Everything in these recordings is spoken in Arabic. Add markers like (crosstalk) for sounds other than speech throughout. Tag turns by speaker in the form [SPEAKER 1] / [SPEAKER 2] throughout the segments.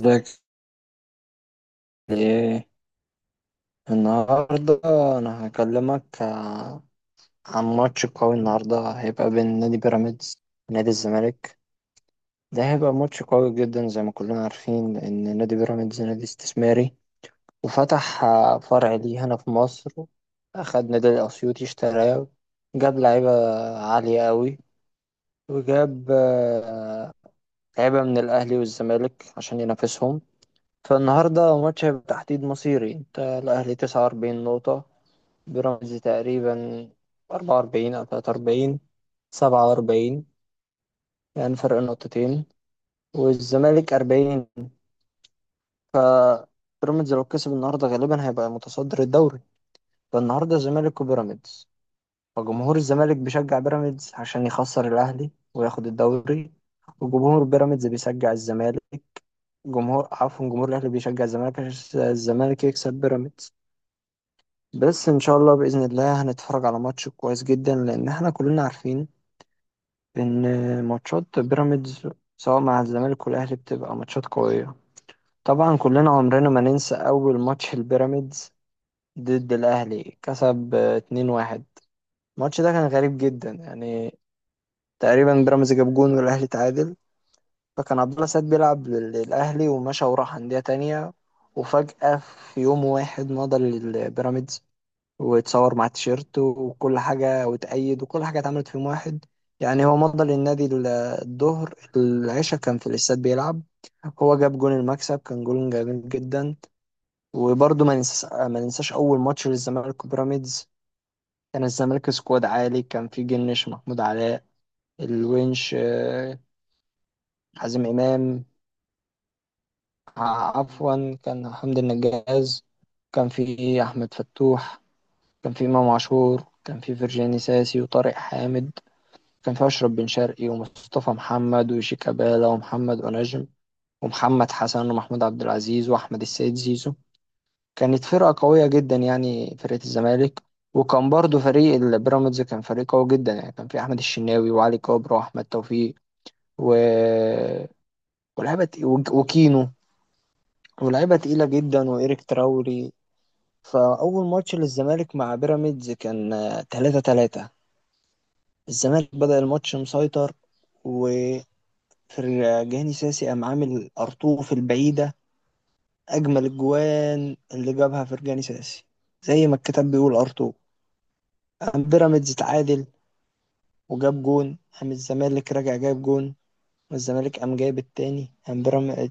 [SPEAKER 1] ازيك؟ ايه النهارده؟ انا هكلمك عن ماتش قوي النهارده هيبقى بين نادي بيراميدز ونادي الزمالك. ده هيبقى ماتش قوي جدا. زي ما كلنا عارفين ان نادي بيراميدز نادي استثماري وفتح فرع ليه هنا في مصر، اخد نادي الاسيوطي اشتراه، جاب لعيبه عاليه قوي، وجاب لعيبه من الاهلي والزمالك عشان ينافسهم. فالنهارده ماتش هيبقى تحديد مصيري. انت الاهلي 49 نقطه، بيراميدز تقريبا 44 أو 43، 47، يعني فرق نقطتين، والزمالك 40. بيراميدز لو كسب النهارده غالبا هيبقى متصدر الدوري. فالنهارده الزمالك وبيراميدز. فجمهور الزمالك بيشجع بيراميدز عشان يخسر الأهلي وياخد الدوري، وجمهور بيراميدز بيشجع الزمالك، جمهور عفوا جمهور الأهلي بيشجع الزمالك عشان الزمالك يكسب بيراميدز. بس إن شاء الله بإذن الله هنتفرج على ماتش كويس جدا، لأن احنا كلنا عارفين ان ماتشات بيراميدز سواء مع الزمالك والاهلي بتبقى ماتشات قويه. طبعا كلنا عمرنا ما ننسى اول ماتش البيراميدز ضد الاهلي، كسب 2-1. الماتش ده كان غريب جدا يعني. تقريبا بيراميدز جاب جون والاهلي تعادل. فكان عبد الله سعيد بيلعب للاهلي ومشى وراح انديه تانية، وفجاه في يوم واحد مضى للبيراميدز، ويتصور مع التيشيرت وكل حاجة وتأيد وكل حاجة اتعملت في يوم واحد. يعني هو مضى للنادي الظهر، العشاء كان في الاستاد بيلعب. هو جاب جون المكسب، كان جون جميل جدا. وبرضه ما ننساش أول ماتش للزمالك وبيراميدز. كان الزمالك سكواد عالي، كان في جنش، محمود علاء الونش، حازم إمام، عفوا كان حمدي النجاز، كان في أحمد فتوح، كان في إمام عاشور، كان في فرجاني ساسي وطارق حامد، كان فيها أشرف بن شرقي ومصطفى محمد وشيكابالا ومحمد أنجم ومحمد حسن ومحمود عبد العزيز وأحمد السيد زيزو. كانت فرقة قوية جدا يعني فرقة الزمالك. وكان برضو فريق البيراميدز كان فريق قوي جدا، يعني كان في أحمد الشناوي وعلي كابر وأحمد توفيق و... وكينو، ولاعيبة تقيلة جدا، وإيريك تراوري. فأول ماتش للزمالك مع بيراميدز كان 3-3. الزمالك بدأ الماتش مسيطر، و... فرجاني ساسي قام عامل أرطوف البعيدة، أجمل الجوان اللي جابها فرجاني ساسي زي ما الكتاب بيقول أرطوف. قام بيراميدز اتعادل وجاب جون، قام الزمالك راجع جايب جون، والزمالك قام جايب التاني، قام بيراميدز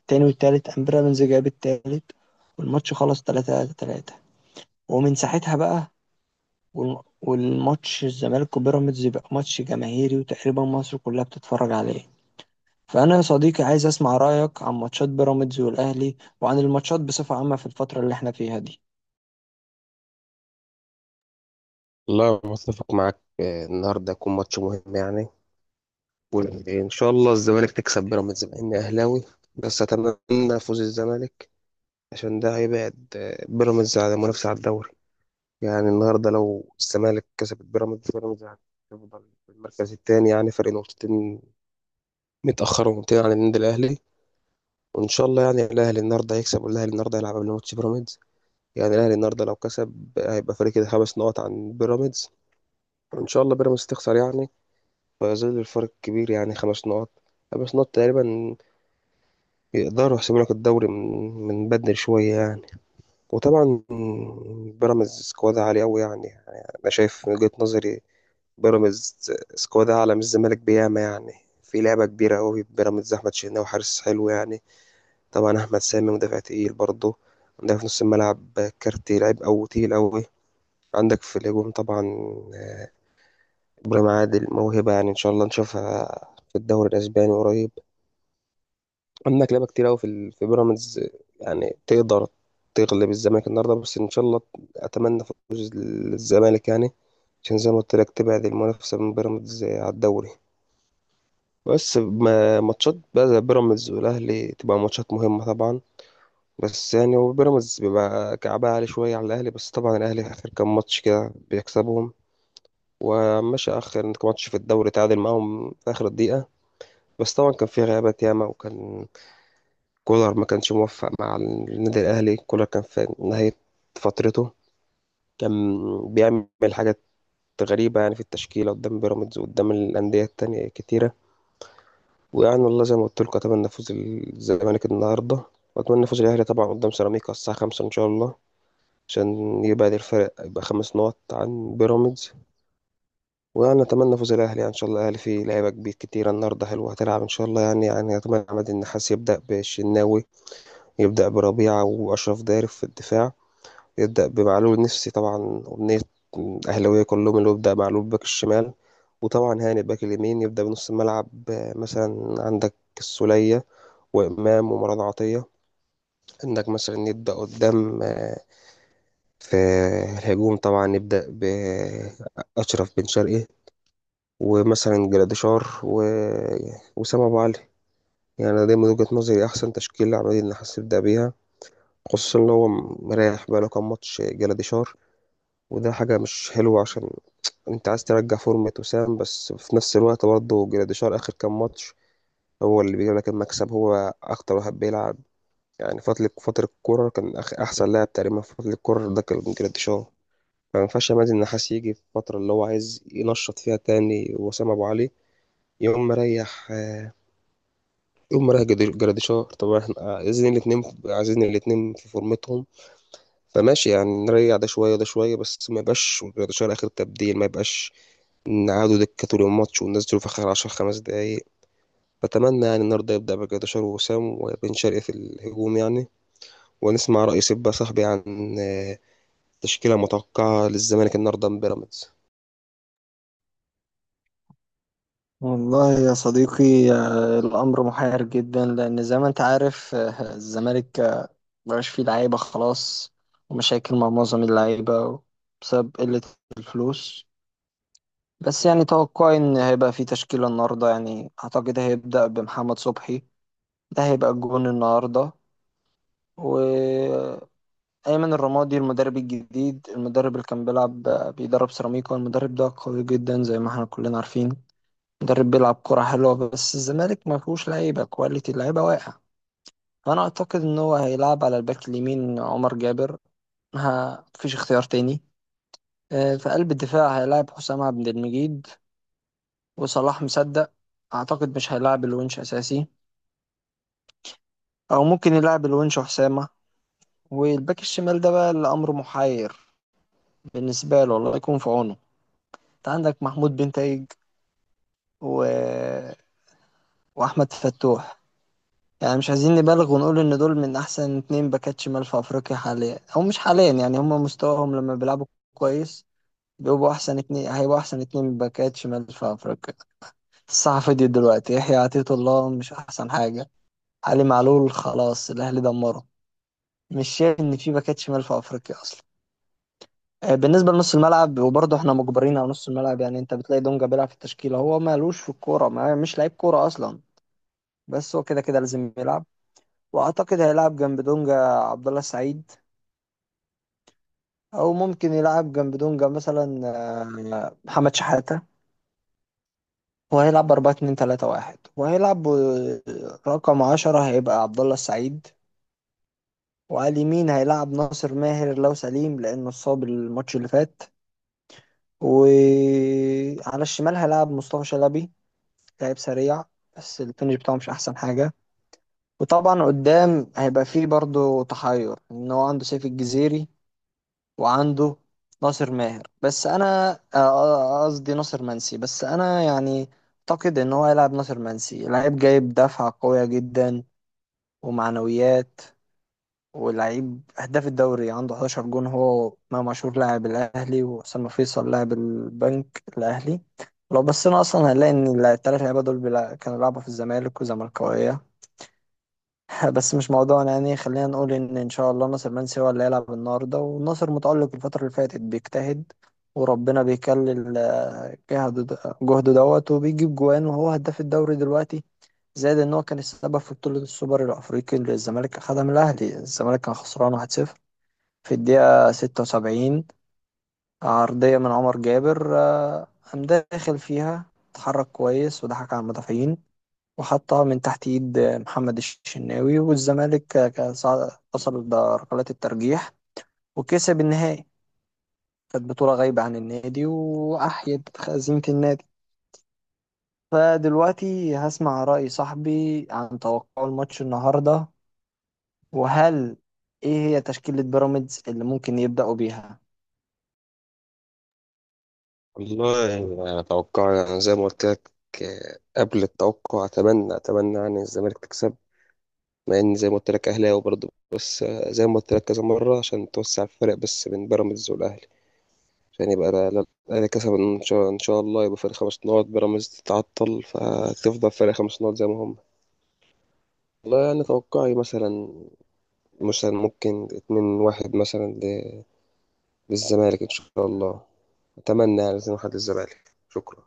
[SPEAKER 1] التاني والتالت، قام بيراميدز جايب التالت، والماتش خلص تلاتة تلاتة. ومن ساعتها بقى والماتش الزمالك وبيراميدز يبقى ماتش جماهيري وتقريبا مصر كلها بتتفرج عليه. فأنا يا صديقي عايز أسمع رأيك عن ماتشات بيراميدز والأهلي وعن الماتشات بصفة عامة في الفترة اللي احنا فيها دي.
[SPEAKER 2] لا، متفق معاك. النهارده هيكون ماتش مهم يعني. وان شاء الله الزمالك تكسب بيراميدز، مع اني اهلاوي بس اتمنى فوز الزمالك، عشان ده هيبعد بيراميدز عن المنافسه على الدوري. يعني النهارده لو الزمالك كسب بيراميدز هتفضل في المركز الثاني، يعني فرق نقطتين، متاخر ونقطتين عن النادي الاهلي. وان شاء الله يعني الاهلي النهارده هيكسب، والاهلي النهارده هيلعب قبل ماتش بيراميدز. يعني الاهلي النهارده لو كسب هيبقى فريق كده 5 نقط عن بيراميدز، وان شاء الله بيراميدز تخسر يعني. ما زال الفرق كبير، يعني 5 نقط، خمس نقط تقريبا. يقدروا يحسبوا لك الدوري من بدري شوية يعني. وطبعا بيراميدز سكواد عالي أوي يعني. يعني أنا شايف من وجهة نظري بيراميدز سكواد أعلى من الزمالك بياما يعني. في لعبة كبيرة أوي بيراميدز. أحمد شناوي حارس حلو يعني. طبعا أحمد سامي مدافع تقيل برضه. عندك في نص الملعب كارتي، لعيب أو تقيل أوي. عندك في الهجوم طبعا إبراهيم عادل، موهبة يعني إن شاء الله نشوفها في الدوري الأسباني قريب. عندك لعبة كتير أوي في بيراميدز. يعني تقدر تغلب الزمالك النهاردة، بس إن شاء الله أتمنى فوز الزمالك يعني، عشان زي ما قلت لك تبعد المنافسة من بيراميدز على الدوري. بس ماتشات بقى زي بيراميدز والأهلي تبقى ماتشات مهمة طبعا. بس يعني هو بيراميدز بيبقى كعبها عالي شوية على الأهلي، بس طبعا الأهلي آخر كام ماتش كده بيكسبهم. ومشى آخر ماتش في الدوري تعادل معاهم في آخر الدقيقة، بس طبعا كان فيه غيابات ياما. وكان كولر ما كانش موفق مع النادي الأهلي. كولر كان في نهاية فترته، كان بيعمل حاجات غريبة يعني في التشكيلة قدام بيراميدز وقدام الأندية التانية كتيرة. ويعني والله زي ما قلت لكم، أتمنى فوز الزمالك النهاردة، وأتمنى فوز الأهلي طبعا قدام سيراميكا الساعة 5 إن شاء الله، عشان يبعد الفرق يبقى 5 نقط عن بيراميدز. ويعني أتمنى فوز الأهلي يعني. إن شاء الله الأهلي فيه لعيبة كبير كتيرة النهاردة، حلوة هتلعب إن شاء الله يعني. أتمنى عماد النحاس يبدأ بالشناوي، يبدأ بربيعة وأشرف داري في الدفاع، يبدأ بمعلول النفسي طبعا. أمنية أهلاوية كلهم، اللي هو يبدأ معلول باك الشمال، وطبعا هاني باك اليمين. يبدأ بنص الملعب، مثلا عندك السولية وإمام ومروان عطية. عندك مثلا يبدأ قدام في الهجوم طبعا، يبدأ بأشرف بن شرقي ومثلا جراديشار وسام أبو علي. يعني أنا دايما وجهة نظري أحسن تشكيلة عملية إن حاسس يبدأ بيها. خصوصا إن هو مريح بقاله كام ماتش جراديشار، وده حاجة مش حلوة. عشان انت عايز ترجع فورمة وسام، بس في نفس الوقت برضه جراديشار اخر كام ماتش هو اللي بيجيب لك المكسب، هو اكتر واحد بيلعب يعني. فترة الكورة كان احسن لاعب تقريبا في فترة الكورة ده كان جراديشار. فما ينفعش مازن النحاس يجي في الفترة اللي هو عايز ينشط فيها تاني وسام ابو علي، يقوم مريح. جراديشار. طب احنا عايزين الاتنين، عايزين الاتنين في فورمتهم. فماشي يعني، نريح ده شوية ده شوية، بس ما يبقاش جراديشار آخر تبديل. ما يبقاش قعدوا دكة طول الماتش والناس دول في آخر 10 5 دقايق. بتمنى يعني النهاردة يبدأ بجداشر ووسام وبن شرقي في الهجوم يعني. ونسمع رأي، سيب بقى صاحبي، عن تشكيلة متوقعة للزمالك النهاردة من بيراميدز.
[SPEAKER 1] والله يا صديقي، الأمر محير جدا، لأن زي ما أنت عارف الزمالك مبقاش فيه لعيبة خلاص، ومشاكل مع معظم اللعيبة بسبب قلة الفلوس. بس يعني توقعي إن هيبقى فيه تشكيلة النهاردة. يعني أعتقد هيبدأ بمحمد صبحي، ده هيبقى الجون النهاردة. و... أيمن الرمادي المدرب الجديد، المدرب اللي كان بيلعب بيدرب سيراميكا، المدرب ده قوي جدا زي ما احنا كلنا عارفين، مدرب بيلعب كرة حلوة، بس الزمالك ما فيهوش لعيبة كواليتي، اللعيبة واقع. فأنا أعتقد إن هو هيلعب على الباك اليمين عمر جابر، ها مفيش اختيار تاني. في قلب الدفاع هيلعب حسام عبد المجيد وصلاح مصدق. أعتقد مش هيلعب الونش أساسي، أو ممكن يلعب الونش وحسامة. والباك الشمال ده بقى الأمر محير بالنسبة له، الله يكون في عونه. انت عندك محمود بنتايج و... واحمد فتوح. يعني مش عايزين نبالغ ونقول ان دول من احسن اتنين باكات شمال في افريقيا حاليا، او مش حاليا يعني، هم مستواهم لما بيلعبوا كويس بيبقوا احسن اتنين، هيبقوا احسن اتنين باكات شمال في افريقيا. الصحفي دي دلوقتي يحيى عطية الله مش احسن حاجة، علي معلول خلاص الاهلي دمره، مش شايف ان في باكات شمال في افريقيا اصلا. بالنسبة لنص الملعب، وبرضه احنا مجبرين على نص الملعب، يعني انت بتلاقي دونجا بيلعب في التشكيلة، هو مالوش في الكورة، ما مش لعيب كورة اصلا، بس هو كده كده لازم يلعب. واعتقد هيلعب جنب دونجا عبد الله السعيد، او ممكن يلعب جنب دونجا مثلا محمد شحاتة. وهيلعب 4 2 3 1، وهيلعب رقم 10 هيبقى عبد الله السعيد، وعلى اليمين هيلعب ناصر ماهر لو سليم لانه اتصاب الماتش اللي فات، وعلى الشمال هيلعب مصطفى شلبي، لاعب سريع بس الفينش بتاعه مش احسن حاجة. وطبعا قدام هيبقى فيه برضو تحير، ان هو عنده سيف الجزيري وعنده ناصر ماهر، بس انا قصدي ناصر منسي. بس انا يعني اعتقد ان هو يلعب ناصر منسي، لعيب جايب دفعة قوية جدا ومعنويات، ولعيب هداف الدوري عنده 11 جون، هو امام عاشور لاعب الاهلي واسامه فيصل لاعب البنك الاهلي. لو بصينا اصلا هنلاقي ان الثلاث لعيبه دول كانوا بيلعبوا في الزمالك وزملكاويه. (laughs) بس مش موضوعنا، يعني خلينا نقول ان ان شاء الله ناصر منسي هو اللي هيلعب النهارده. والناصر متألق الفتره اللي فاتت، بيجتهد، وربنا بيكلل جهده دوت، وبيجيب جوان، وهو هداف الدوري دلوقتي. زائد ان هو كان السبب في بطوله السوبر الافريقي اللي الزمالك اخدها من الاهلي. الزمالك كان خسران 1-0 في الدقيقه 76، عرضيه من عمر جابر، قام داخل فيها، اتحرك كويس وضحك على المدافعين، وحطها من تحت ايد محمد الشناوي، والزمالك وصل لركلات الترجيح وكسب النهائي. كانت بطولة غايبة عن النادي وأحيت خزينة النادي. فدلوقتي هسمع رأي صاحبي عن توقع الماتش النهاردة، وهل إيه هي تشكيلة بيراميدز اللي ممكن يبدأوا بيها؟
[SPEAKER 2] والله يعني أنا أتوقع يعني زي ما قلت لك. قبل التوقع، أتمنى يعني الزمالك تكسب، مع إن زي ما قلت لك أهلاوي برضه. زي ما قلت لك كذا مرة، عشان توسع الفرق بس بين بيراميدز والأهلي. عشان يبقى ده الاهلي كسب، ان شاء الله يبقى فرق 5 نقط، بيراميدز تتعطل فتفضل فرق 5 نقط زي ما هم. والله يعني توقعي مثلا. ممكن 2-1 مثلا للزمالك ان شاء الله. اتمنى يعني 2-1 للزمالك. شكرا.